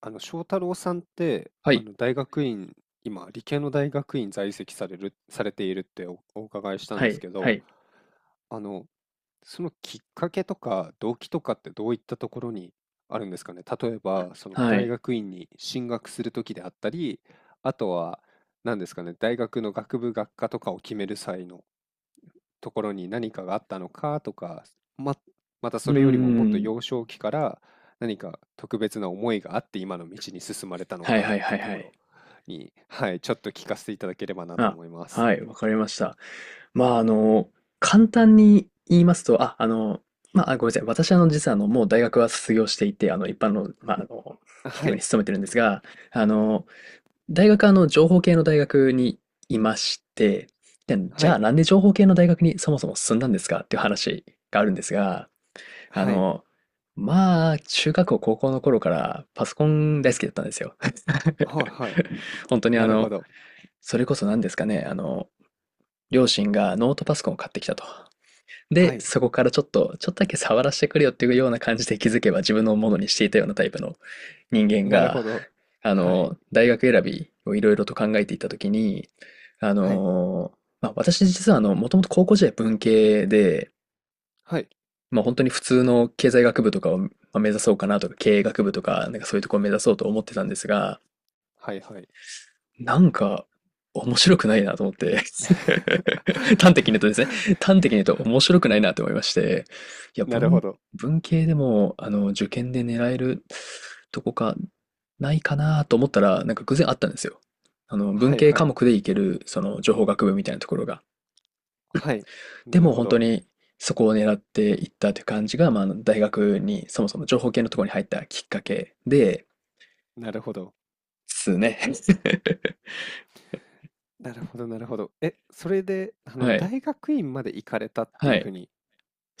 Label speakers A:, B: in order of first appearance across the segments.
A: 翔太郎さんって、
B: はい。
A: 大学院、今、理系の大学院在籍される、されているってお伺いしたん
B: は
A: です
B: い、
A: け
B: は
A: ど、
B: い、
A: あの、そのきっかけとか動機とかってどういったところにあるんですかね。例えば、その
B: は
A: 大
B: い。
A: 学院に進学するときであったり、あとは、何ですかね、大学の学部学科とかを決める際のところに何かがあったのかとか、ま、また
B: うー
A: それよりももっと
B: ん。
A: 幼少期から何か特別な思いがあって今の道に進まれたの
B: はい
A: かっ
B: はい
A: て
B: は
A: い
B: い
A: うと
B: は
A: こ
B: い。
A: ろに、はい、ちょっと聞かせていただければなと
B: あ、
A: 思います。
B: はい、わかりました。まあ、簡単に言いますと、まあ、ごめんなさい。私、実は、もう大学は卒業していて、一般の、まあ、企
A: は
B: 業に
A: い、
B: 勤めてるんですが、あの、大学は、情報系の大学にいまして、で、じ
A: は
B: ゃあ、
A: い、
B: なんで情報系の大学にそもそも進んだんですかっていう話があるんですが、あ
A: はい、
B: の、まあ、中学校、高校の頃からパソコン大好きだったんですよ。
A: はい、は い。
B: 本当に
A: なるほど。
B: それこそ何ですかね、両親がノートパソコンを買ってきたと。
A: は
B: で、
A: い、
B: そこからちょっとだけ触らせてくれよっていうような感じで気づけば自分のものにしていたようなタイプの人間
A: なる
B: が、
A: ほど。はい、
B: 大学選びをいろいろと考えていたときに、あ
A: はい、
B: の、まあ、私実はもともと高校時代文系で、
A: はい、
B: まあ本当に普通の経済学部とかをまあ目指そうかなとか、経営学部とか、なんかそういうところを目指そうと思ってたんですが、
A: はい、はい。
B: なんか面白くないなと思って 端的に言うとですね、端的に言うと面白くないなと思いまして、いや、
A: なるほど。
B: 文系でも、受験で狙えるとこか、ないかなと思ったら、なんか偶然あったんですよ。文
A: はい、
B: 系
A: は
B: 科
A: い、
B: 目でいける、情報学部みたいなところが。
A: はい。
B: で
A: なる
B: も
A: ほ
B: 本当
A: ど。
B: にそこを狙っていったという感じが、まあ、大学にそもそも情報系のところに入ったきっかけで
A: なるほど。
B: すね。
A: なるほどなるほど。え、それで、
B: はい。
A: 大学院まで行かれたって
B: は
A: いう
B: い。
A: 風に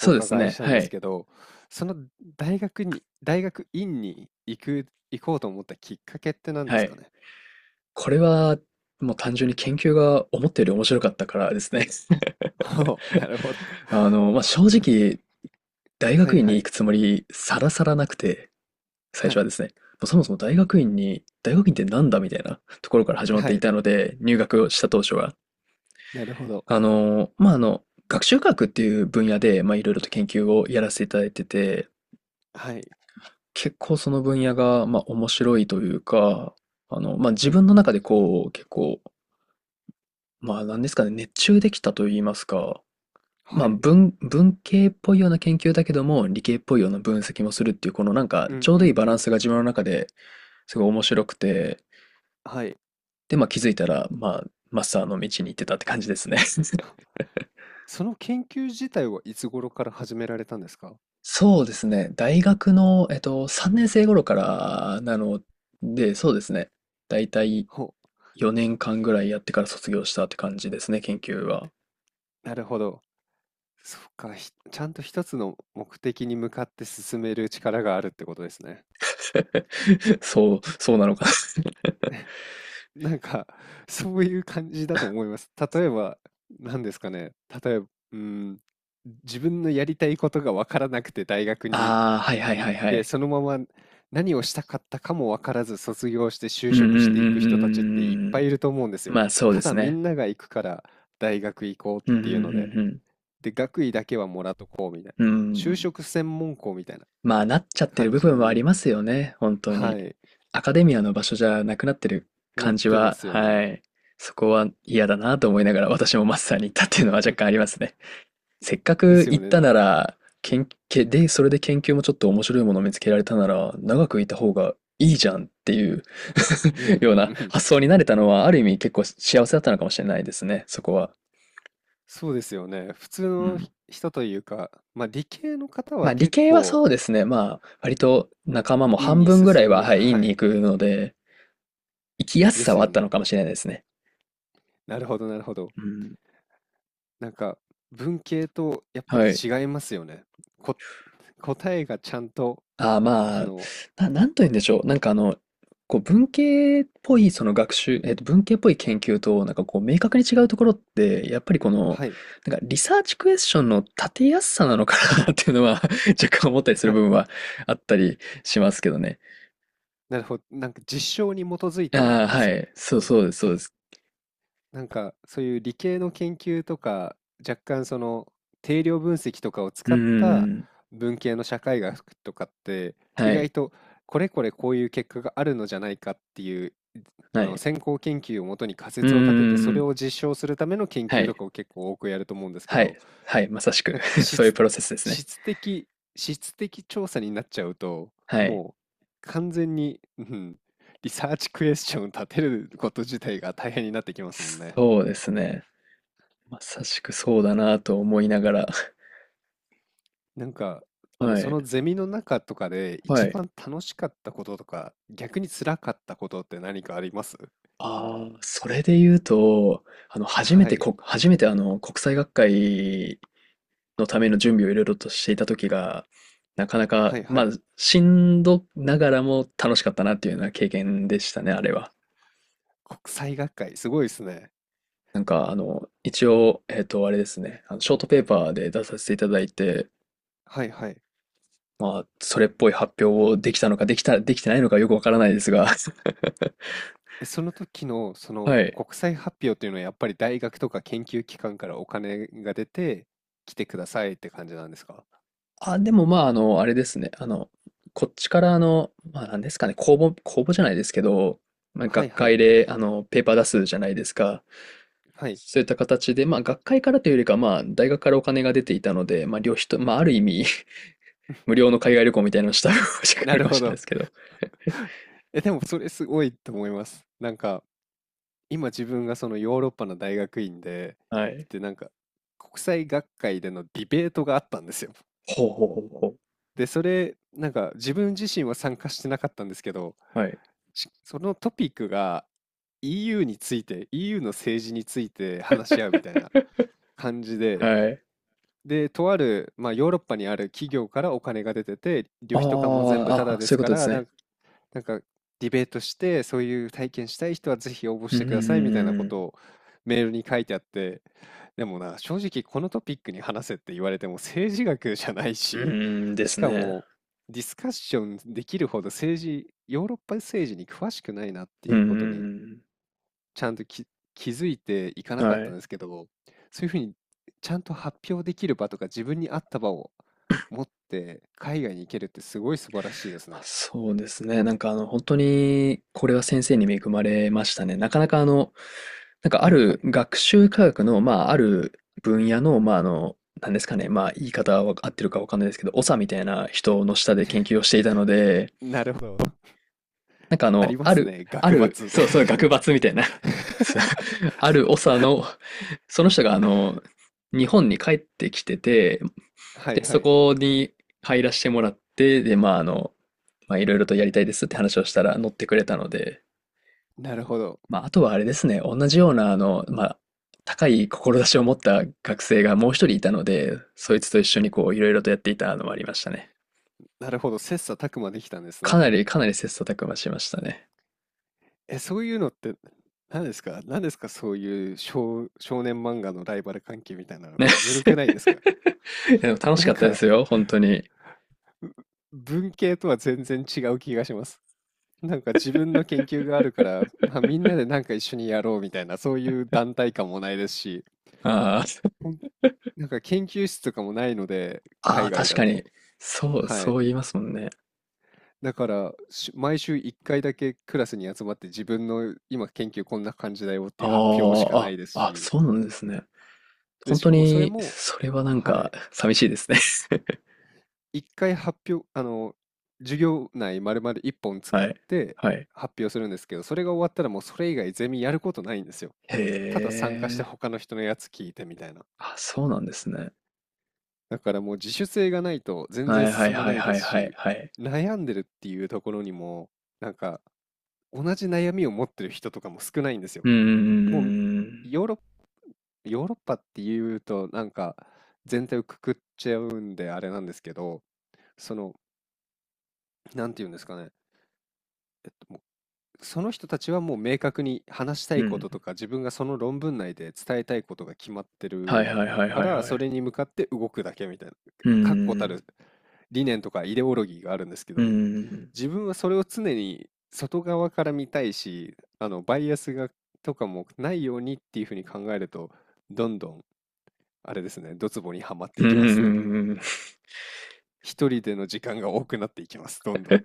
A: お
B: うです
A: 伺いし
B: ね。
A: たん
B: は
A: です
B: い。
A: けど、その大学院に行こうと思ったきっかけって何で
B: は
A: すか
B: い。
A: ね？
B: これは、もう単純に研究が思ったより面白かったからですね。
A: ほう、な るほど。
B: まあ、正直、大
A: は
B: 学
A: い
B: 院
A: は
B: に行く
A: い。
B: つもりさらさらなくて、最
A: は
B: 初は
A: い。
B: ですね。もうそもそも大学院ってなんだみたいなところから始まって
A: は
B: いた
A: い。
B: ので、入学をした当初は。
A: なるほど。
B: 学習科学っていう分野で、まあ、いろいろと研究をやらせていただいてて、
A: はい。
B: 結構その分野が、まあ、面白いというか、まあ、
A: う
B: 自
A: ん
B: 分の
A: うん。
B: 中でこう、結構、まあ、なんですかね、熱中できたと言いますか、ま
A: は
B: あ、
A: い。
B: 文系っぽいような研究だけども、理系っぽいような分析もするっていう、このなんか、
A: う
B: ち
A: ん
B: ょう
A: う
B: どいい
A: ん
B: バ
A: う
B: ラン
A: ん。
B: スが自分の中ですごい面白くて、
A: はい。
B: で、まあ、気づいたら、まあ、マスターの道に行ってたって感じですね。
A: その研究自体はいつ頃から始められたんですか？
B: そうですね。大学の、3年生頃からなので、そうですね。だいたい
A: ほ
B: 4年間ぐらいやってから卒業したって感じですね、研究は。
A: う、なるほど。そっか、ちゃんと一つの目的に向かって進める力があるってことですね。
B: そう、そうなのかな。
A: なんか、そういう感じだと思います。例えば、何ですかね。例えば、うん、自分のやりたいことがわからなくて大学 に
B: ああ、はいはい
A: 行
B: は
A: っ
B: いは
A: て、
B: い。
A: そのまま何をしたかったかもわからず卒業して就
B: うんうんう
A: 職し
B: ん
A: てい
B: う
A: く
B: んう
A: 人たちっていっ
B: んうんう
A: ぱい
B: ん。
A: いると思うんですよ。
B: まあそう
A: た
B: で
A: だ
B: す
A: み
B: ね。
A: んなが行くから大学行こうっ
B: うんうんう
A: ていうので、
B: ん
A: で、学位だけはもらうと、
B: うん。う
A: 就
B: ん。
A: 職専門校みたいな
B: まあ、なっちゃってる
A: 感
B: 部
A: じ
B: 分はあり
A: に、
B: ますよね、本当に。
A: はい、
B: アカデミアの場所じゃなくなってる
A: な
B: 感
A: っ
B: じ
A: てま
B: は、
A: すよ
B: は
A: ね。
B: い。そこは嫌だなと思いながら私もマスターに行ったっ てい
A: ふ
B: うのは若
A: ふ
B: 干ありますね。せっか
A: で
B: く
A: す
B: 行
A: よ
B: っ
A: ね、
B: たなら、研究で、それで研究もちょっと面白いものを見つけられたなら、長くいた方がいいじゃんっていう
A: うん
B: よ
A: う
B: う
A: ん
B: な
A: うん。
B: 発想になれたのは、ある意味結構幸せだったのかもしれないですね、そこは。
A: そうですよね。普通
B: う
A: の
B: ん。
A: 人というか、まあ、理系の方
B: ま
A: は
B: あ理
A: 結
B: 系は
A: 構
B: そうですね。まあ割と仲間も
A: 院
B: 半
A: に
B: 分ぐらい
A: 進
B: は、
A: む、
B: はい、
A: は
B: 院に行
A: い、
B: くので、生きやす
A: で
B: さ
A: す
B: はあっ
A: よ
B: たの
A: ね。
B: かもしれないですね。
A: なるほどなるほど。
B: うん。
A: なんか文系とやっぱ
B: は
A: り
B: い。
A: 違いますよね。こ、答えがちゃんと、
B: ああ、
A: あ
B: まあ、
A: の、
B: なんと言うんでしょう。なんかこう文系っぽいその学習、文系っぽい研究と、なんかこう明確に違うところって、やっぱりこの、
A: はい、
B: なんかリサーチクエスチョンの立てやすさなのかな っていうのは 若干思ったりする
A: は
B: 部
A: い。
B: 分はあったりしますけどね。
A: なるほど。なんか実証に基づいてる
B: ああ、
A: んで
B: は
A: すよ
B: い。そう、
A: ね。
B: そうです、そうです。
A: なんかそういう理系の研究とか、若干その定量分析とかを
B: う
A: 使
B: ー
A: った
B: ん。
A: 文系の社会学とかって、意
B: は
A: 外
B: い。
A: とこれこういう結果があるのじゃないかっていう、あ
B: は
A: の
B: い。
A: 先行研究をもとに仮
B: う
A: 説を立てて、そ
B: ー
A: れ
B: ん。
A: を実証するための研
B: は
A: 究と
B: い。
A: かを結構多くやると思うんですけ
B: はい。
A: ど、
B: はい。まさしく
A: なんか、
B: そういうプロセスですね。
A: 質的質的調査になっちゃうと、
B: はい。
A: もう完全に、うん、リサーチクエスチョン立てること自体が大変になってきますもんね。
B: そうですね。まさしくそうだなと思いながら。
A: なんか、
B: は
A: そ
B: い。
A: のゼミの中とかで
B: は
A: 一
B: い。
A: 番楽しかったこととか、逆に辛かったことって何かあります？
B: ああ、それで言うと、
A: はい、
B: 初めて国際学会のための準備をいろいろとしていた時が、なかなか、
A: はいは
B: まあ、
A: い。
B: しんどながらも楽しかったなっていうような経験でしたね、あれは。
A: 国際学会、すごいですね。
B: なんか、一応、あれですね、ショートペーパーで出させていただいて、
A: はいはい。
B: まあ、それっぽい発表をできたのか、できてないのかよくわからないですが、
A: え、その時のその
B: はい。
A: 国際発表というのはやっぱり大学とか研究機関からお金が出て来てくださいって感じなんですか？
B: あ、でもまあ、あれですね。こっちから、まあ、なんですかね、公募、公募じゃないですけど、まあ、
A: はい
B: 学
A: はい。
B: 会で、ペーパー出すじゃないですか。
A: はい。
B: そういった形で、まあ、学会からというよりか、まあ、大学からお金が出ていたので、まあ、旅費と、まあ、ある意味 無料の海外旅行みたいなのをした 時があ
A: な
B: る
A: る
B: かも
A: ほ
B: しれないで
A: ど。
B: すけど。
A: え、でもそれすごいと思います。なんか今自分がそのヨーロッパの大学院で
B: は
A: 行っ
B: い。
A: てなんか国際学会でのディベートがあったんですよ。
B: ほうほうほうほ
A: で、それなんか自分自身は参加してなかったんですけど、
B: う。はい。
A: そのトピックが EU について、EU の政治について話し合うみたいな感じで、
B: はい。
A: で、とある、まあ、ヨーロッパにある企業からお金が出てて、旅
B: あ
A: 費とかも全部タ
B: あ、
A: ダ
B: あ、
A: で
B: そうい
A: す
B: うこ
A: か
B: とです
A: ら、な
B: ね。
A: んか、なんかディベートして、そういう体験したい人はぜひ応募
B: う
A: し
B: ん、う
A: てくださいみたいなこと
B: ん、
A: をメールに書いてあって、でもな、正直このトピックに話せって言われても政治学じゃない
B: うん、うん、
A: し、
B: うんで
A: し
B: す
A: か
B: ね。
A: もディスカッションできるほど政治、ヨーロッパ政治に詳しくないなって
B: う
A: い
B: ん、う
A: うことに
B: ん、
A: ちゃんと気づいていか
B: う
A: な
B: ん
A: かっ
B: は
A: たん
B: い。
A: ですけど、そういうふうにちゃんと発表できる場とか自分に合った場を持って海外に行けるってすごい素晴らしいです
B: まあ
A: ね。
B: そうですね。なんか本当に、これは先生に恵まれましたね。なかなかなんかあ
A: はいは
B: る
A: い。
B: 学習科学の、まあある分野の、まあなんですかね。まあ言い方は合ってるかわかんないですけど、長みたいな人の下で研究をしていたので、
A: なるほど。
B: なんか
A: ありますね。
B: あ
A: 学
B: る、
A: 罰。
B: そうそう、学 閥みたいな ある長の、その人が日本に帰ってきてて、
A: はい
B: で、
A: は
B: そ
A: い。
B: こに入らせてもらって、で、まあまあ、いろいろとやりたいですって話をしたら乗ってくれたので、
A: なるほど。
B: まあ、あとはあれですね、同じような、まあ、高い志を持った学生がもう一人いたので、そいつと一緒にこう、いろいろとやっていたのもありましたね。
A: なるほど。切磋琢磨できたんです
B: か
A: ね。
B: なり、かなり切磋琢磨しましたね。
A: え、そういうのって何ですか、そういう少年漫画のライバル関係みたいなの。
B: ね。
A: ずるくないですか？
B: いやでも楽し
A: な
B: か
A: ん
B: ったで
A: か、
B: すよ、本当に。
A: ぶ文系とは全然違う気がします。なんか自分の研究があるから、まあ、みんなでなんか一緒にやろうみたいな、そういう団体感もないですし、
B: あー
A: ほんなんか研究室とかもないので、
B: あ
A: 海
B: ー、
A: 外
B: 確
A: だ
B: かに。
A: と。
B: そう、
A: は
B: そ
A: い。
B: う言いますもんね。
A: だから、毎週1回だけクラスに集まって自分の今研究こんな感じだよって
B: あ
A: い
B: ー
A: う発表しかな
B: あ、
A: いです
B: あ、
A: し、
B: そうなんですね。
A: で、
B: 本
A: し
B: 当
A: かもそれ
B: に、
A: も、
B: それはなん
A: はい。
B: か、寂しいですね。
A: 1回発表、授業内丸々1本使
B: は
A: っ
B: い。
A: て
B: はい。
A: 発表するんですけど、それが終わったらもうそれ以外ゼミやることないんですよ。た
B: へ
A: だ参加して
B: え。
A: 他の人のやつ聞いてみたいな。
B: あ、そうなんですね。
A: だからもう自主性がないと全然
B: はいはい
A: 進ま
B: はい
A: ない
B: は
A: で
B: い
A: す
B: はい
A: し、
B: はい。
A: 悩んでるっていうところにも、なんか同じ悩みを持ってる人とかも少ないんですよ。
B: うん
A: もう
B: うん
A: ヨーロッ、ヨーロッパっていうとなんか全体をくくっちゃうんであれなんですけど、その、なんていうんですかね、もうその人たちはもう明確に話した
B: うん
A: い
B: うんうんう
A: ことと
B: ん。
A: か自分がその論文内で伝えたいことが決まって
B: はいは
A: る
B: いはい
A: か
B: はい
A: ら
B: は
A: そ
B: い。
A: れに向かって動くだけみたいな
B: う
A: 確固た
B: ん
A: る理念とかイデオロギーがあるんですけ
B: うんう
A: ど、
B: ん。
A: 自分はそれを常に外側から見たいし、あのバイアスがとかもないようにっていうふうに考えると、どんどんあれですね、ドツボにはまって
B: うん
A: い
B: う
A: きま
B: ん
A: す
B: う
A: ね。
B: んうんうんうん。
A: 一人での時間が多くなっていきますどんどん。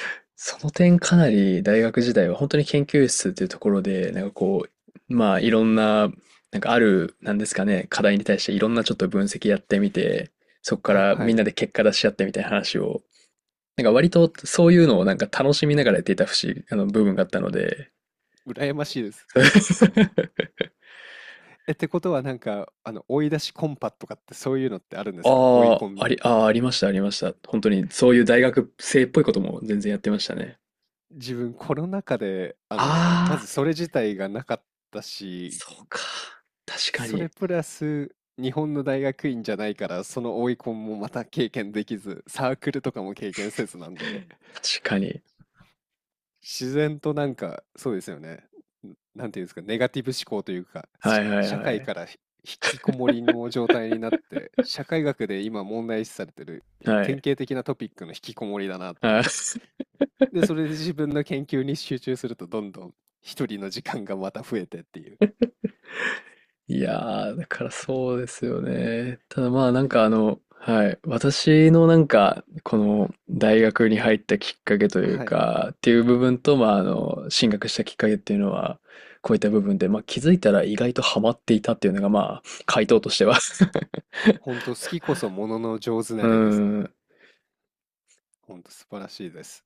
B: その点かなり大学時代は本当に研究室っていうところで、なんかこう、まあいろんな、なんかある、なんですかね、課題に対していろんなちょっと分析やってみて、そこか
A: はい
B: ら
A: は
B: みん
A: い。
B: なで結果出し合ってみたいな話を、なんか割とそういうのをなんか楽しみながらやっていた節、あの部分があったので、
A: 羨ましいです。 え、ってことはなんか、追い出しコンパとかってそういうのってあるんですか？追い
B: あ
A: コ
B: あ、
A: ン。
B: ありました、ありました。本当に、そういう大学生っぽいことも全然やってましたね。
A: 自分コロナ禍で、ま
B: ああ、
A: ずそれ自体がなかったし、
B: そうか。確か
A: そ
B: に。
A: れプラス日本の大学院じゃないから、その追いコンもまた経験できず、サークルとかも経験せずなんで、
B: 確かに。
A: 自然となんか、そうですよね。なんていうんですか、ネガティブ思考というか、
B: はいはい
A: 社
B: は
A: 会
B: い。
A: から引きこもりの状態になって、社会学で今問題視されてる
B: は
A: 典
B: い。
A: 型的なトピックの引きこもりだなって
B: は
A: い
B: い。
A: う。で、それで自分の研究に集中すると、どんどん一人の時間がまた増えてっていう。
B: いやー、だからそうですよね。ただまあなんかはい。私のなんか、この大学に入ったきっかけという
A: はい。
B: か、っていう部分と、まあ進学したきっかけっていうのは、こういった部分で、まあ気づいたら意外とハマっていたっていうのが、まあ、回答としては
A: 本当好きこそものの上手な
B: う
A: れです。
B: ん。
A: 本当素晴らしいです。